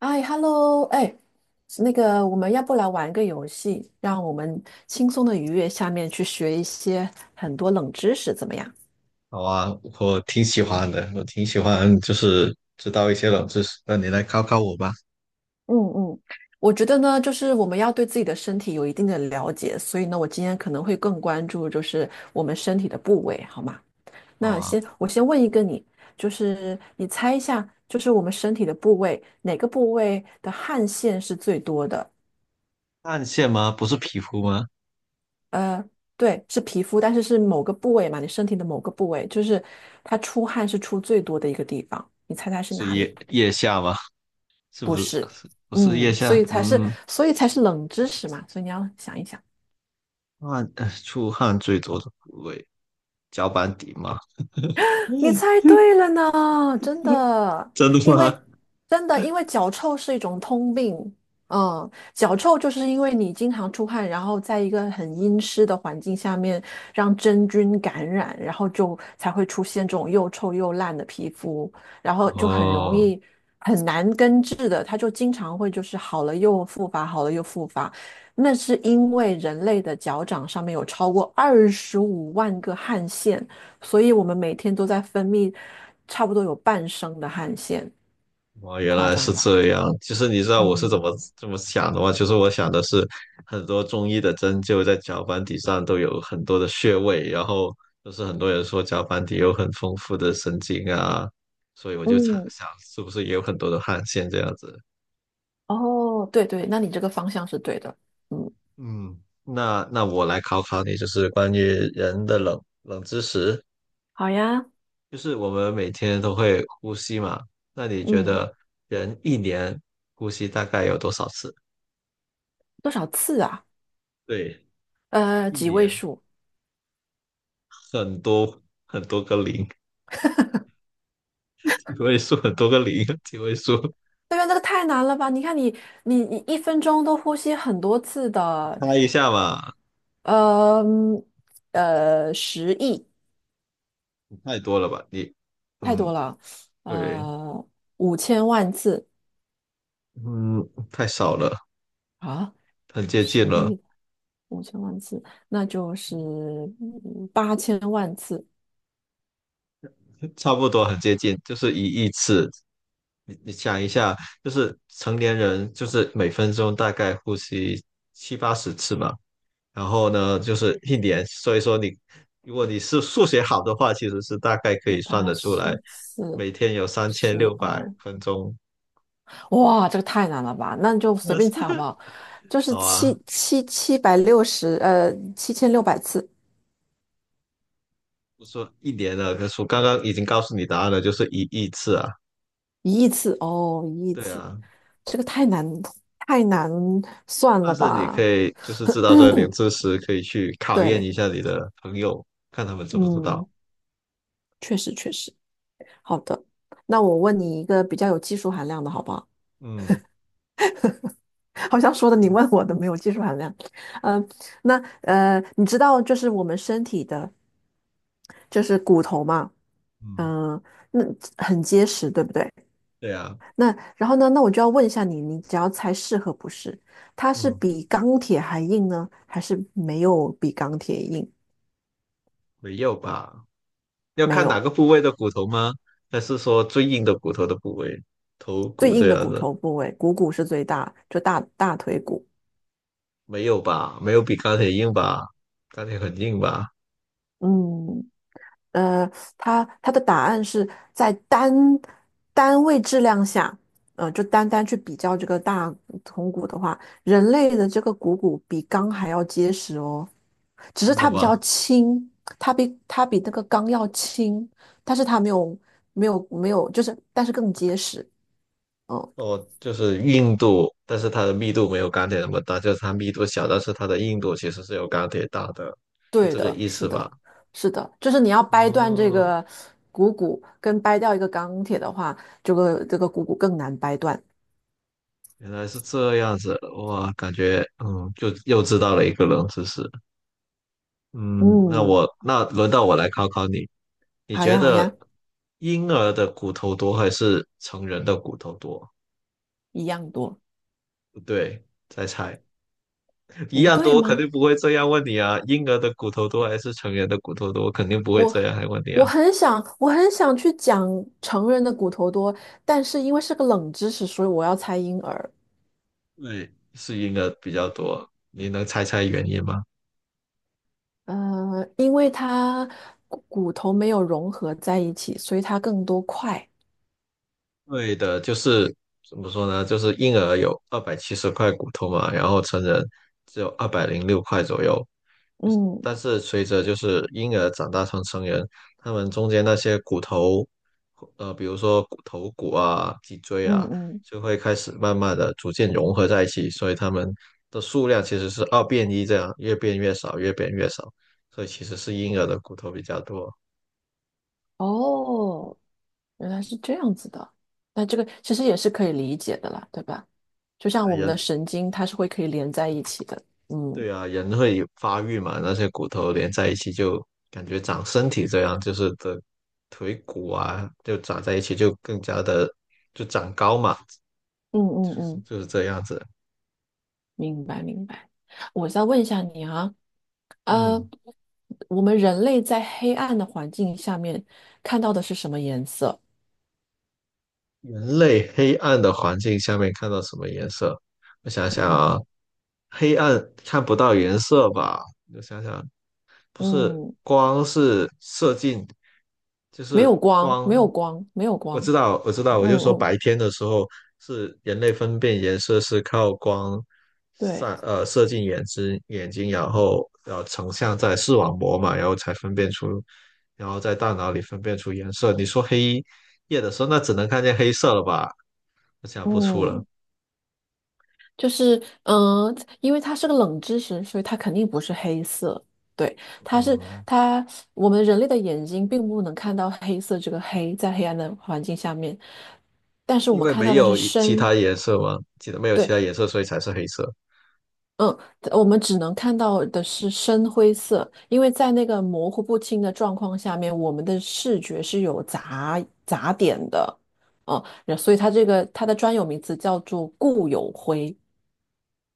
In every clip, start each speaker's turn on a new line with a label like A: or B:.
A: 哎，Hello，哎，那个，我们要不来玩个游戏，让我们轻松的愉悦下面去学一些很多冷知识，怎么样？
B: 好啊，我挺喜欢的，我挺喜欢，就是知道一些冷知识。那你来考考我吧。
A: 嗯嗯，我觉得呢，就是我们要对自己的身体有一定的了解，所以呢，我今天可能会更关注就是我们身体的部位，好吗？
B: 好
A: 那
B: 啊，
A: 先我先问一个你，就是你猜一下，就是我们身体的部位，哪个部位的汗腺是最多的？
B: 汗腺吗？不是皮肤吗？
A: 呃，对，是皮肤，但是是某个部位嘛，你身体的某个部位，就是它出汗是出最多的一个地方，你猜猜是
B: 是
A: 哪里？
B: 腋下吗？是
A: 不
B: 不是？
A: 是，
B: 不是腋
A: 嗯，
B: 下？嗯，
A: 所以才是冷知识嘛，所以你要想一想。
B: 出汗最多的部位，脚板底吗？
A: 你猜 对了呢，真的，
B: 真的
A: 因为
B: 吗？
A: 真的，因为脚臭是一种通病。嗯，脚臭就是因为你经常出汗，然后在一个很阴湿的环境下面，让真菌感染，然后就才会出现这种又臭又烂的皮肤，然后就很容
B: 哦。
A: 易很难根治的，它就经常会就是好了又复发，好了又复发。那是因为人类的脚掌上面有超过25万个汗腺。所以我们每天都在分泌差不多有半升的汗腺，
B: 哦，原
A: 夸
B: 来是
A: 张吧？
B: 这样。其实你知道我是怎
A: 嗯，
B: 么这么想的吗？其实我想的是，很多中医的针灸在脚板底上都有很多的穴位，然后就是很多人说脚板底有很丰富的神经啊，所以我就想
A: 嗯，
B: 想是不是也有很多的汗腺这样子。
A: 哦，对对，那你这个方向是对的。嗯，
B: 嗯，那我来考考你，就是关于人的冷知识，
A: 好呀，
B: 就是我们每天都会呼吸嘛，那你觉
A: 嗯，
B: 得人一年呼吸大概有多少次？
A: 多少次啊？
B: 对，一
A: 几位
B: 年。
A: 数？
B: 很多，很多个零，几位数，很多个零，几位数，
A: 对呀，那个太难了吧？你看你一分钟都呼吸很多次的，
B: 猜一下嘛，
A: 呃十亿
B: 太多了吧？你，
A: 太多
B: 嗯，
A: 了，
B: 对，
A: 呃，五千万次
B: 嗯，太少了，
A: 啊，
B: 很接近
A: 十
B: 了，
A: 亿。五千万次，那就是8000万次，
B: 差不多很接近，就是一亿次。你想一下，就是成年人就是每分钟大概呼吸70-80次嘛，然后呢，就是一年，所以说你如果是数学好的话，其实是大概可
A: 第
B: 以算
A: 八
B: 得出来，
A: 十四
B: 每天有三千六
A: 十
B: 百
A: 二，
B: 分钟。
A: 哇，这个太难了吧？那你就随便猜好 不好？就是
B: 好啊，
A: 760，7600次，
B: 我说一年了，可是我刚刚已经告诉你答案了，就是一亿次啊。
A: 一亿次哦，一亿
B: 对
A: 次，
B: 啊，
A: 这个太难算
B: 但
A: 了
B: 是你
A: 吧？
B: 可以就是知道这个冷知 识，可以去考验
A: 对，
B: 一下你的朋友，看他们知不知道。
A: 嗯，确实确实，好的，那我问你一个比较有技术含量的好不好？
B: 嗯
A: 好像说的你问我的没有技术含量。嗯、那你知道就是我们身体的就是骨头嘛，
B: 嗯，
A: 嗯、那很结实，对不对？
B: 对啊，
A: 那然后呢，那我就要问一下你，你只要猜是和不是，它是
B: 嗯，
A: 比钢铁还硬呢，还是没有比钢铁硬？
B: 没有吧？要
A: 没
B: 看
A: 有，
B: 哪个部位的骨头吗？还是说最硬的骨头的部位，头
A: 最
B: 骨
A: 硬
B: 这
A: 的
B: 样
A: 骨
B: 的？
A: 头部位，股骨是最大，就大腿骨。
B: 没有吧？没有比钢铁硬吧？钢铁很硬吧？
A: 嗯，呃，它的答案是在单位质量下，就单单去比较这个大铜鼓的话，人类的这个股骨比钢还要结实哦，只是
B: 真的
A: 它比较
B: 吗？
A: 轻，它比那个钢要轻，但是它没有，就是但是更结实。嗯，
B: 哦，就是硬度，但是它的密度没有钢铁那么大，就是它密度小，但是它的硬度其实是有钢铁大的，是
A: 对
B: 这个
A: 的，
B: 意
A: 是
B: 思吧？
A: 的，是的，就是你要掰断这
B: 哦，
A: 个股骨跟掰掉一个钢铁的话，这个股骨更难掰断。
B: 原来是这样子，哇，感觉嗯，就又知道了一个冷知识。嗯，那
A: 嗯。
B: 我那轮到我来考考你，你
A: 好
B: 觉
A: 呀，好呀，
B: 得婴儿的骨头多还是成人的骨头多？
A: 一样多，
B: 不对，再猜，一
A: 不
B: 样
A: 对
B: 多，肯
A: 吗？
B: 定不会这样问你啊。婴儿的骨头多还是成人的骨头多，肯定不会
A: 我
B: 这样来问你
A: 我
B: 啊。
A: 很想，我很想去讲成人的骨头多，但是因为是个冷知识，所以我要猜婴儿。
B: 对是婴儿比较多，你能猜猜原因吗？
A: 因为它骨头没有融合在一起，所以它更多块。
B: 对的，就是怎么说呢？就是婴儿有270块骨头嘛，然后成人只有206块左右。
A: 嗯
B: 但是随着就是婴儿长大成成人，他们中间那些骨头，比如说骨头骨啊、脊椎
A: 嗯
B: 啊，
A: 嗯，
B: 就会开始慢慢的逐渐融合在一起，所以他们的数量其实是二变一这样，越变越少，越变越少。所以其实是婴儿的骨头比较多。
A: 哦，原来是这样子的。那这个其实也是可以理解的啦，对吧？就像我们的
B: 人。
A: 神经，它是会可以连在一起的。嗯
B: 对啊，人会发育嘛，那些骨头连在一起就感觉长身体这样，就是的腿骨啊，就长在一起就更加的就长高嘛，
A: 嗯嗯
B: 就是
A: 嗯。
B: 就是这样子。
A: 明白明白。我再问一下你啊，呃，
B: 嗯，
A: 我们人类在黑暗的环境下面看到的是什么颜色？
B: 人类黑暗的环境下面看到什么颜色？我想想
A: 嗯
B: 啊，黑暗看不到颜色吧？我想想，不是
A: 嗯，
B: 光是射进，就
A: 没
B: 是
A: 有光，没有
B: 光。
A: 光，没有
B: 我
A: 光。
B: 知道，我知道，我
A: 嗯
B: 就说
A: 嗯，
B: 白天的时候是人类分辨颜色是靠光
A: 对，
B: 射进眼睛，然后成像在视网膜嘛，然后才分辨出，然后在大脑里分辨出颜色。你说黑夜的时候，那只能看见黑色了吧？我想不出了，
A: 嗯，就是嗯、呃因为它是个冷知识，所以它肯定不是黑色。对，它是
B: 嗯，
A: 它，我们人类的眼睛并不能看到黑色这个黑，在黑暗的环境下面，但是我
B: 因
A: 们
B: 为
A: 看到
B: 没
A: 的是
B: 有一其
A: 深。
B: 他颜色嘛，记得没有其
A: 对，
B: 他颜色，所以才是黑色。
A: 嗯，我们只能看到的是深灰色，因为在那个模糊不清的状况下面，我们的视觉是有杂点的，嗯，所以它这个它的专有名词叫做固有灰。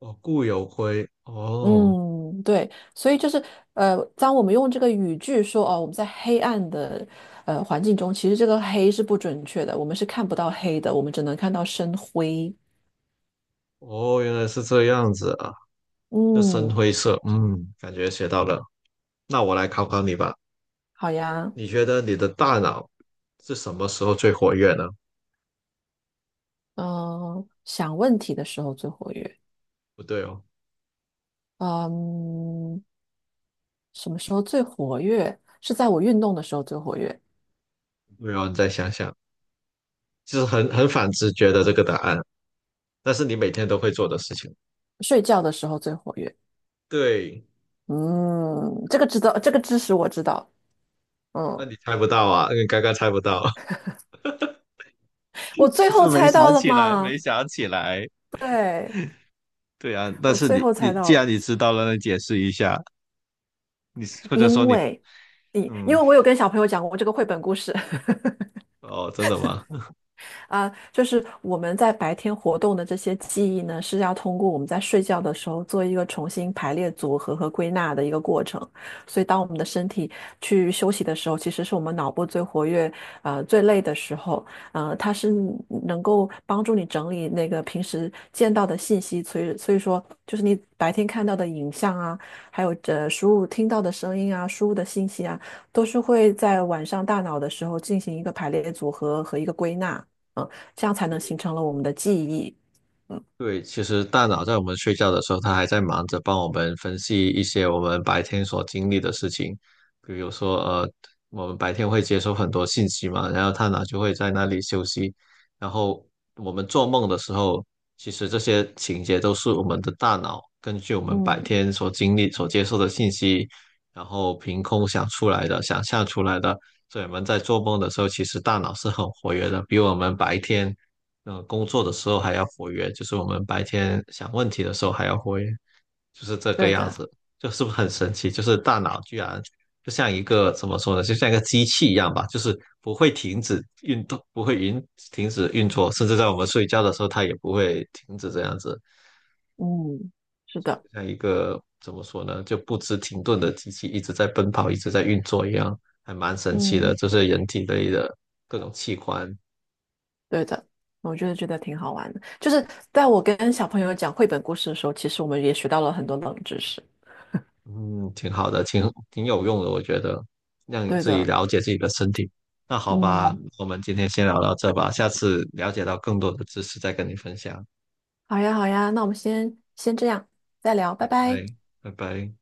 B: 哦，固有灰，哦
A: 嗯，对，所以就是当我们用这个语句说哦，我们在黑暗的环境中，其实这个黑是不准确的，我们是看不到黑的，我们只能看到深灰。
B: 哦，原来是这样子啊，就深
A: 嗯，
B: 灰色，嗯，感觉学到了。那我来考考你吧，
A: 好呀，
B: 你觉得你的大脑是什么时候最活跃呢？
A: 嗯、想问题的时候最活跃。
B: 不对哦，
A: 嗯，什么时候最活跃？是在我运动的时候最活跃，
B: 没有，你再想想，就是很反直觉的这个答案，但是你每天都会做的事情。
A: 睡觉的时候最活跃。
B: 对，
A: 嗯，这个知道，这个知识我知道。
B: 那
A: 嗯，
B: 你猜不到啊，你刚刚猜不到，
A: 我 最
B: 你是
A: 后
B: 不是没
A: 猜
B: 想
A: 到了
B: 起来？没
A: 嘛？
B: 想起来。
A: 对，
B: 对啊，但
A: 我
B: 是
A: 最
B: 你
A: 后
B: 你
A: 猜
B: 既
A: 到了，
B: 然你知道了，那你解释一下，你或者说
A: 因
B: 你
A: 为因
B: 嗯，
A: 为我有跟小朋友讲过这个绘本故事。
B: 哦，真的吗？
A: 啊，就是我们在白天活动的这些记忆呢，是要通过我们在睡觉的时候做一个重新排列组合和归纳的一个过程。所以，当我们的身体去休息的时候，其实是我们脑部最活跃、最累的时候。它是能够帮助你整理那个平时见到的信息，所以说，就是你白天看到的影像啊，还有输入听到的声音啊，输入的信息啊，都是会在晚上大脑的时候进行一个排列组合和一个归纳。嗯，这样才能形成了我们的记忆。
B: 对，其实大脑在我们睡觉的时候，它还在忙着帮我们分析一些我们白天所经历的事情，比如说，我们白天会接收很多信息嘛，然后大脑就会在那里休息，然后我们做梦的时候，其实这些情节都是我们的大脑根据我们白
A: 嗯
B: 天所经历、所接受的信息，然后凭空想出来的、想象出来的，所以我们在做梦的时候，其实大脑是很活跃的，比我们白天。工作的时候还要活跃，就是我们白天想问题的时候还要活跃，就是这个
A: 对
B: 样
A: 的，
B: 子，就是不是很神奇？就是大脑居然就像一个怎么说呢，就像一个机器一样吧，就是不会停止运动，不会停止运作，甚至在我们睡觉的时候，它也不会停止这样子，
A: 嗯是的，
B: 像一个怎么说呢，就不知停顿的机器一直在奔跑，一直在运作一样，还蛮神奇的，
A: 嗯
B: 就是人体内的各种器官
A: 对的。我觉得挺好玩的，就是在我跟小朋友讲绘本故事的时候，其实我们也学到了很多冷知识。
B: 嗯，挺好的，挺有用的，我觉得让你
A: 对
B: 自己
A: 的，
B: 了解自己的身体。那好吧，
A: 嗯，
B: 我们今天先聊到这吧，下次了解到更多的知识再跟你分享。
A: 好呀，好呀，那我们先这样，再聊，
B: 拜
A: 拜拜。
B: 拜，拜拜。